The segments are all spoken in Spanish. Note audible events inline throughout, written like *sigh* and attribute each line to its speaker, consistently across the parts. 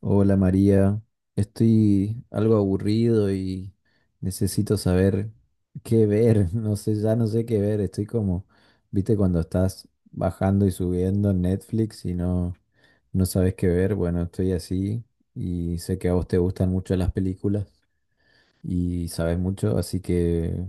Speaker 1: Hola María, estoy algo aburrido y necesito saber qué ver, *laughs* no sé, ya no sé qué ver, estoy como, viste, cuando estás bajando y subiendo en Netflix y no, no sabes qué ver, bueno, estoy así y sé que a vos te gustan mucho las películas y sabes mucho, así que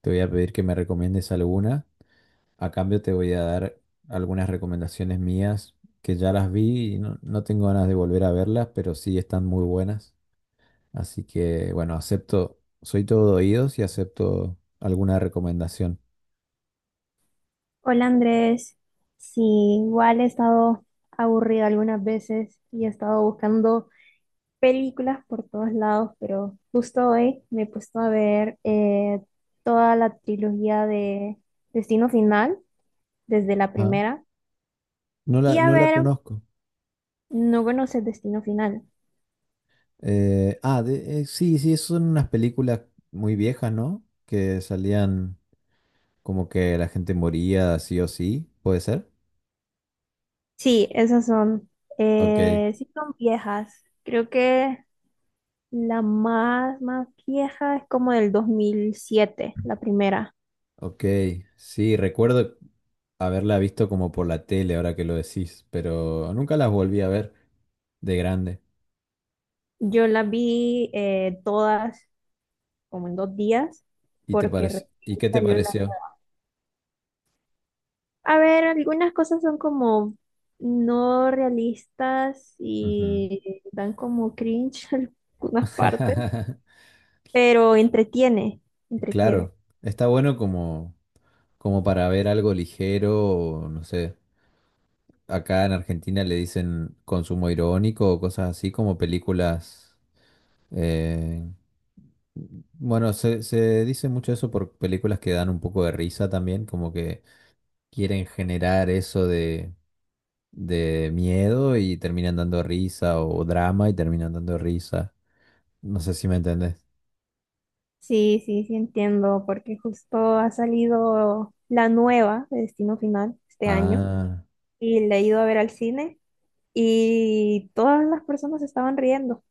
Speaker 1: te voy a pedir que me recomiendes alguna, a cambio te voy a dar algunas recomendaciones mías que ya las vi y no, no tengo ganas de volver a verlas, pero sí están muy buenas. Así que, bueno, acepto, soy todo oídos y acepto alguna recomendación.
Speaker 2: Hola Andrés, sí, igual he estado aburrida algunas veces y he estado buscando películas por todos lados, pero justo hoy me he puesto a ver toda la trilogía de Destino Final, desde la
Speaker 1: Ajá.
Speaker 2: primera.
Speaker 1: No
Speaker 2: Y
Speaker 1: la,
Speaker 2: a
Speaker 1: no la
Speaker 2: ver,
Speaker 1: conozco.
Speaker 2: no conoces Destino Final.
Speaker 1: Ah, sí, sí, son unas películas muy viejas, ¿no? Que salían como que la gente moría sí o sí, ¿puede ser?
Speaker 2: Sí, esas son,
Speaker 1: Ok,
Speaker 2: sí son viejas, creo que la más vieja es como del 2007, la primera.
Speaker 1: ok, sí, recuerdo haberla visto como por la tele ahora que lo decís, pero nunca las volví a ver de grande.
Speaker 2: Yo las vi todas como en dos días,
Speaker 1: ¿Y te
Speaker 2: porque
Speaker 1: pareció?
Speaker 2: recién
Speaker 1: ¿Y qué te
Speaker 2: salió la...
Speaker 1: pareció?
Speaker 2: A ver, algunas cosas son como no realistas
Speaker 1: Ujú.
Speaker 2: y dan como cringe *laughs* en algunas partes,
Speaker 1: *laughs*
Speaker 2: pero entretiene, entretiene.
Speaker 1: Claro, está bueno como, para ver algo ligero, o no sé, acá en Argentina le dicen consumo irónico o cosas así como películas, eh, bueno, se dice mucho eso por películas que dan un poco de risa también, como que quieren generar eso de, miedo y terminan dando risa o drama y terminan dando risa, no sé si me entendés.
Speaker 2: Sí, sí, sí entiendo, porque justo ha salido la nueva de Destino Final este año
Speaker 1: Ah,
Speaker 2: y la he ido a ver al cine y todas las personas estaban riendo.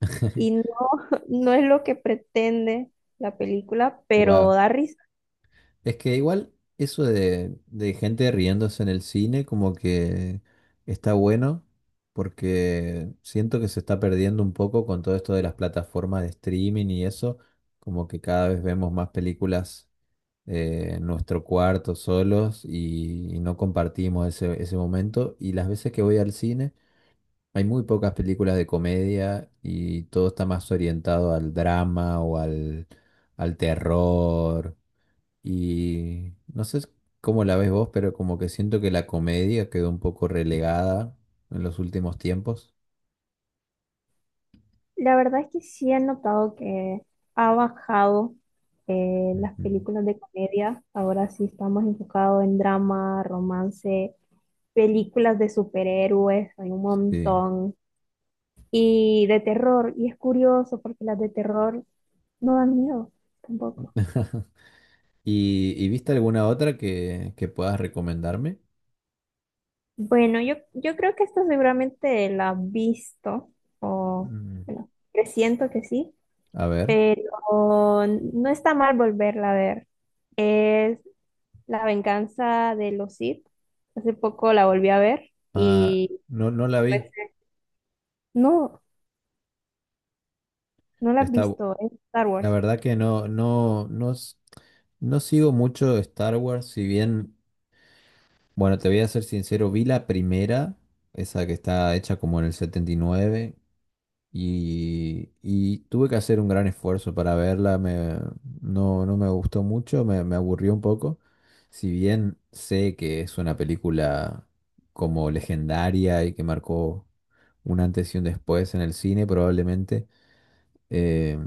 Speaker 1: *laughs*
Speaker 2: Y no, *laughs* no es lo que pretende la película, pero
Speaker 1: wow.
Speaker 2: da risa.
Speaker 1: Es que igual eso de gente riéndose en el cine como que está bueno porque siento que se está perdiendo un poco con todo esto de las plataformas de streaming y eso, como que cada vez vemos más películas en nuestro cuarto solos y no compartimos ese, momento. Y las veces que voy al cine hay muy pocas películas de comedia y todo está más orientado al drama o al terror y no sé cómo la ves vos, pero como que siento que la comedia quedó un poco relegada en los últimos tiempos.
Speaker 2: La verdad es que sí he notado que ha bajado las
Speaker 1: Ujú.
Speaker 2: películas de comedia. Ahora sí estamos enfocados en drama, romance, películas de superhéroes, hay un
Speaker 1: Sí.
Speaker 2: montón. Y de terror, y es curioso porque las de terror no dan miedo tampoco.
Speaker 1: *laughs* ¿Y viste alguna otra que puedas recomendarme?
Speaker 2: Bueno, yo creo que esta seguramente la has visto, o
Speaker 1: Mm,
Speaker 2: bueno, presiento que sí.
Speaker 1: a ver.
Speaker 2: Pero no está mal volverla a ver. Es La venganza de los Sith. Hace poco la volví a ver
Speaker 1: Ah,
Speaker 2: y
Speaker 1: no, no la
Speaker 2: pues,
Speaker 1: vi.
Speaker 2: no, no la has
Speaker 1: Está, bu-
Speaker 2: visto, es Star
Speaker 1: la
Speaker 2: Wars.
Speaker 1: verdad que no, no, no, no sigo mucho Star Wars, si bien, bueno, te voy a ser sincero, vi la primera, esa que está hecha como en el 79. Y tuve que hacer un gran esfuerzo para verla, no, no me gustó mucho, me aburrió un poco. Si bien sé que es una película como legendaria y que marcó un antes y un después en el cine, probablemente, eh,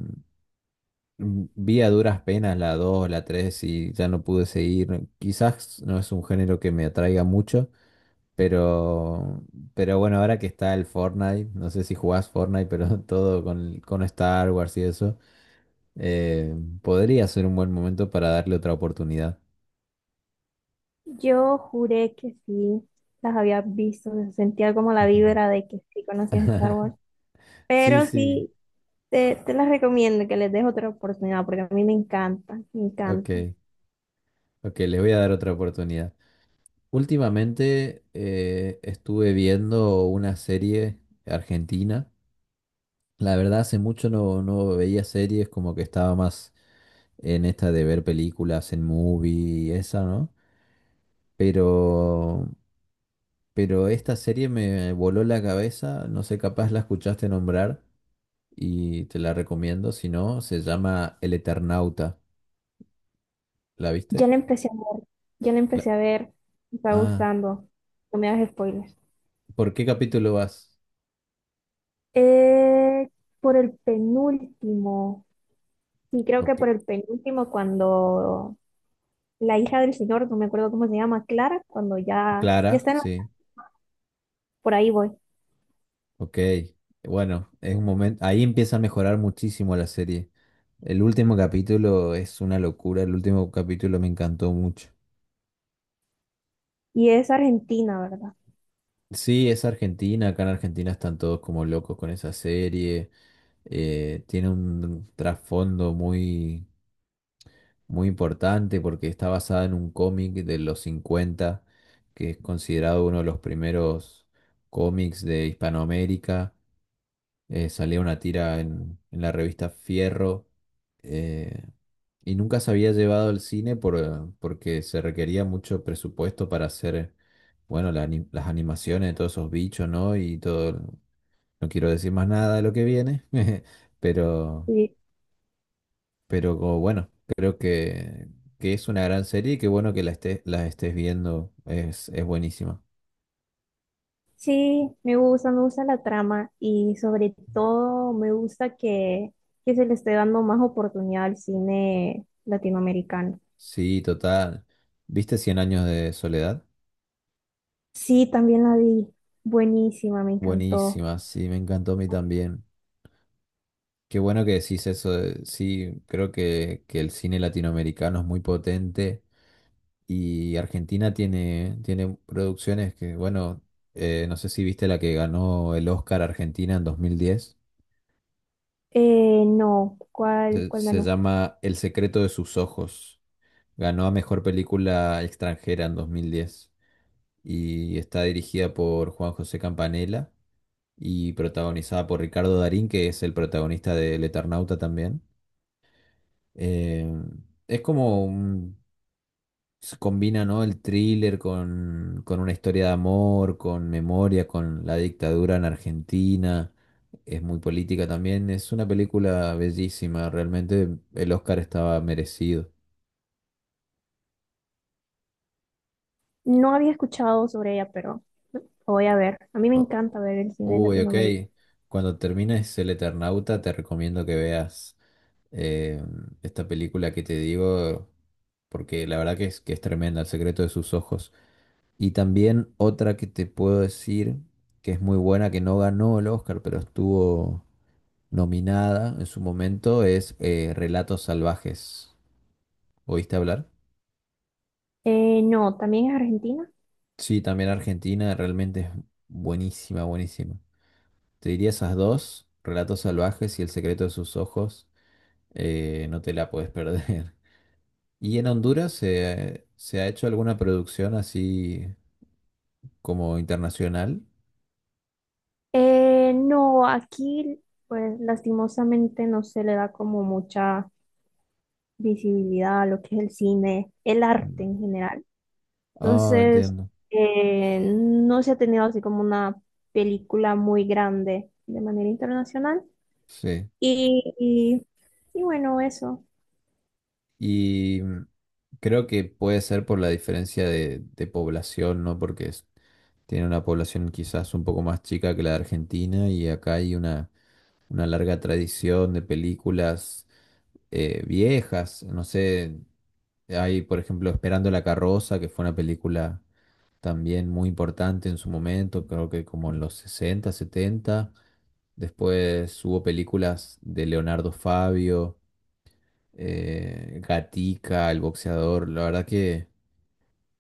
Speaker 1: vi a duras penas la 2 la 3 y ya no pude seguir. Quizás no es un género que me atraiga mucho, pero, pero, bueno, ahora que está el Fortnite, no sé si jugás Fortnite, pero *laughs* todo con Star Wars y eso, eh, podría ser un buen momento para darle otra oportunidad.
Speaker 2: Yo juré que sí, las había visto, se sentía como la
Speaker 1: *laughs*
Speaker 2: vibra de que sí conocías Star Wars.
Speaker 1: *laughs* Sí,
Speaker 2: Pero
Speaker 1: sí,
Speaker 2: sí, te las recomiendo, que les des otra oportunidad, porque a mí me encanta, me
Speaker 1: ok,
Speaker 2: encanta.
Speaker 1: ok, les voy a dar otra oportunidad. Últimamente estuve viendo una serie argentina. La verdad, hace mucho no, no veía series, como que estaba más en esta de ver películas en movie y esa, ¿no? Pero Pero esta serie me voló la cabeza, no sé, capaz la escuchaste nombrar y te la recomiendo, si no, se llama El Eternauta. ¿La
Speaker 2: Ya
Speaker 1: viste?
Speaker 2: la empecé a ver, ya la
Speaker 1: La-
Speaker 2: empecé a ver, me está
Speaker 1: Ah,
Speaker 2: gustando, no me hagas spoilers.
Speaker 1: ¿por qué capítulo vas?
Speaker 2: Eh, por el penúltimo, sí, creo que
Speaker 1: Ok,
Speaker 2: por el penúltimo, cuando la hija del señor, no me acuerdo cómo se llama, Clara, cuando ya, ya
Speaker 1: Clara,
Speaker 2: está en la-
Speaker 1: sí,
Speaker 2: por ahí voy.
Speaker 1: ok. Bueno, es un momento, ahí empieza a mejorar muchísimo la serie. El último capítulo es una locura, el último capítulo me encantó mucho.
Speaker 2: ¿Y es Argentina, verdad?
Speaker 1: Sí, es Argentina, acá en Argentina están todos como locos con esa serie, tiene un trasfondo muy muy importante porque está basada en un cómic de los 50 que es considerado uno de los primeros cómics de Hispanoamérica. Salía una tira en, la revista Fierro, eh, y nunca se había llevado al cine por, porque se requería mucho presupuesto para hacer, bueno, la las animaciones de todos esos bichos, ¿no? Y todo, no quiero decir más nada de lo que viene, *laughs* pero...
Speaker 2: Sí,
Speaker 1: Pero como bueno, creo que, es una gran serie y qué bueno que la estés viendo. Es buenísima.
Speaker 2: sí, me gusta la trama y sobre todo me gusta que se le esté dando más oportunidad al cine latinoamericano.
Speaker 1: Sí, total. ¿Viste Cien años de soledad?
Speaker 2: Sí, también la vi, buenísima, me encantó.
Speaker 1: Buenísima, sí, me encantó a mí también. Qué bueno que decís eso. Sí, creo que, el cine latinoamericano es muy potente y Argentina tiene producciones que, bueno, no sé si viste la que ganó el Oscar Argentina en 2010.
Speaker 2: No, ¿cuál,
Speaker 1: Se,
Speaker 2: cuál
Speaker 1: se
Speaker 2: ganó?
Speaker 1: llama El secreto de sus ojos. Ganó a Mejor Película Extranjera en 2010 y está dirigida por Juan José Campanella y protagonizada por Ricardo Darín, que es el protagonista de El Eternauta también. Eh, es como un- se combina, ¿no? El thriller con una historia de amor, con memoria, con la dictadura en Argentina. Es muy política también. Es una película bellísima, realmente el Oscar estaba merecido.
Speaker 2: No había escuchado sobre ella, pero lo voy a ver. A mí me
Speaker 1: Oh,
Speaker 2: encanta ver el cine de
Speaker 1: uy, ok.
Speaker 2: Latinoamérica.
Speaker 1: Cuando termines El Eternauta, te recomiendo que veas eh, esta película que te digo, porque la verdad que es tremenda, El secreto de sus ojos. Y también otra que te puedo decir que es muy buena, que no ganó el Oscar, pero estuvo nominada en su momento, es Relatos Salvajes. ¿Oíste hablar?
Speaker 2: No, también es Argentina.
Speaker 1: Sí, también Argentina realmente es buenísima, buenísima. Te diría esas dos, Relatos Salvajes y El secreto de sus ojos. No te la puedes perder. *laughs* ¿Y en Honduras se, ha hecho alguna producción así como internacional?
Speaker 2: No, aquí, pues lastimosamente no se le da como mucha visibilidad a lo que es el cine, el arte
Speaker 1: Mm.
Speaker 2: en general.
Speaker 1: Ah,
Speaker 2: Entonces,
Speaker 1: entiendo.
Speaker 2: no se ha tenido así como una película muy grande de manera internacional.
Speaker 1: Sí.
Speaker 2: Y, y, y bueno, eso.
Speaker 1: Y creo que puede ser por la diferencia de, población, ¿no? Porque tiene una población quizás un poco más chica que la de Argentina y acá hay una larga tradición de películas viejas. No sé, hay por ejemplo Esperando la carroza, que fue una película también muy importante en su momento, creo que como en los 60, 70. Después hubo películas de Leonardo Fabio, Gatica, El Boxeador. La verdad que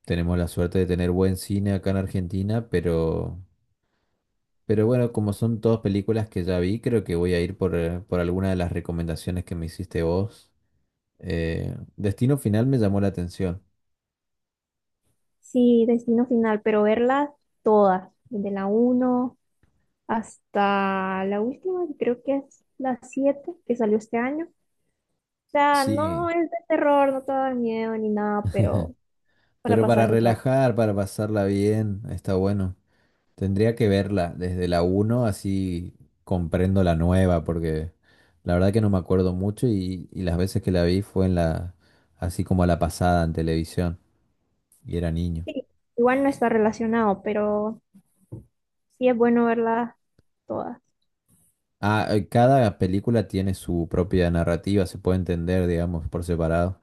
Speaker 1: tenemos la suerte de tener buen cine acá en Argentina, pero bueno, como son todas películas que ya vi, creo que voy a ir por, por alguna de las recomendaciones que me hiciste vos. Destino Final me llamó la atención.
Speaker 2: Sí, Destino Final, pero verlas todas, desde la uno hasta la última, que creo que es la 7 que salió este año. O sea, no
Speaker 1: Sí,
Speaker 2: es de terror, no te da miedo ni nada, pero para
Speaker 1: pero
Speaker 2: pasar
Speaker 1: para
Speaker 2: el rato.
Speaker 1: relajar, para pasarla bien, está bueno. Tendría que verla desde la uno así comprendo la nueva, porque la verdad que no me acuerdo mucho y las veces que la vi fue así como a la pasada en televisión y era niño.
Speaker 2: Sí, igual no está relacionado, pero sí es bueno verlas todas.
Speaker 1: Ah, cada película tiene su propia narrativa, se puede entender, digamos, por separado.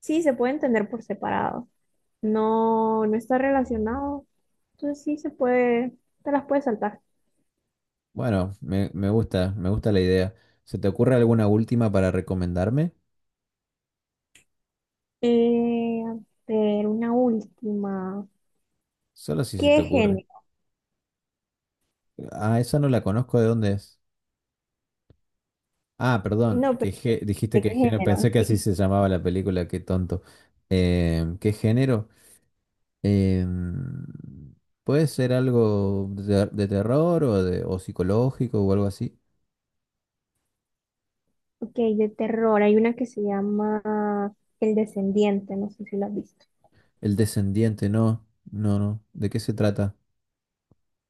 Speaker 2: Sí, se puede entender por separado. No, no está relacionado. Entonces sí se puede, te las puedes saltar.
Speaker 1: Bueno, me gusta, me gusta la idea. ¿Se te ocurre alguna última para recomendarme?
Speaker 2: A ver, una última.
Speaker 1: Solo si se te
Speaker 2: ¿Qué
Speaker 1: ocurre.
Speaker 2: género?
Speaker 1: Ah, esa no la conozco, ¿de dónde es? Ah, perdón,
Speaker 2: No, pero
Speaker 1: dijiste
Speaker 2: ¿de qué
Speaker 1: que género, pensé
Speaker 2: género?
Speaker 1: que así
Speaker 2: Sí.
Speaker 1: se llamaba la película, qué tonto. ¿Qué género? Em, ¿Puede ser algo de, terror o psicológico o algo así?
Speaker 2: Ok, de terror. Hay una que se llama El Descendiente, no sé si la has visto.
Speaker 1: El descendiente, no, no, no. ¿De qué se trata?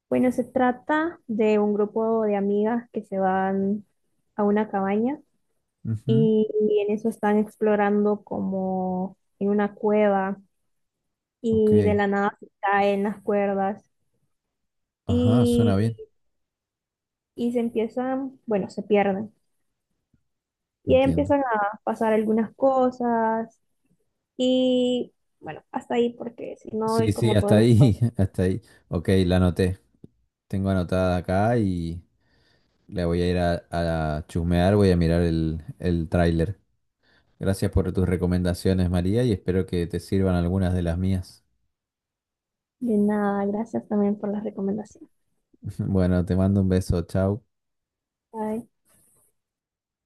Speaker 2: Bueno, se trata de un grupo de amigas que se van a una cabaña
Speaker 1: Ujú,
Speaker 2: y en eso están explorando como en una cueva
Speaker 1: ok,
Speaker 2: y de la nada se caen las cuerdas
Speaker 1: ajá,
Speaker 2: y,
Speaker 1: suena bien,
Speaker 2: y se empiezan, bueno, se pierden y ahí
Speaker 1: entiendo.
Speaker 2: empiezan a pasar algunas cosas y bueno, hasta ahí porque si no hay
Speaker 1: Sí, sí,
Speaker 2: como todo
Speaker 1: hasta
Speaker 2: el
Speaker 1: ahí,
Speaker 2: spoiler.
Speaker 1: *laughs* hasta ahí. Ok, la anoté. Tengo anotada acá y la voy a ir a, chusmear, voy a mirar el tráiler. Gracias por tus recomendaciones, María, y espero que te sirvan algunas de las mías.
Speaker 2: De nada, gracias también por la recomendación.
Speaker 1: *laughs* Bueno, te mando un beso, chao.
Speaker 2: Bye.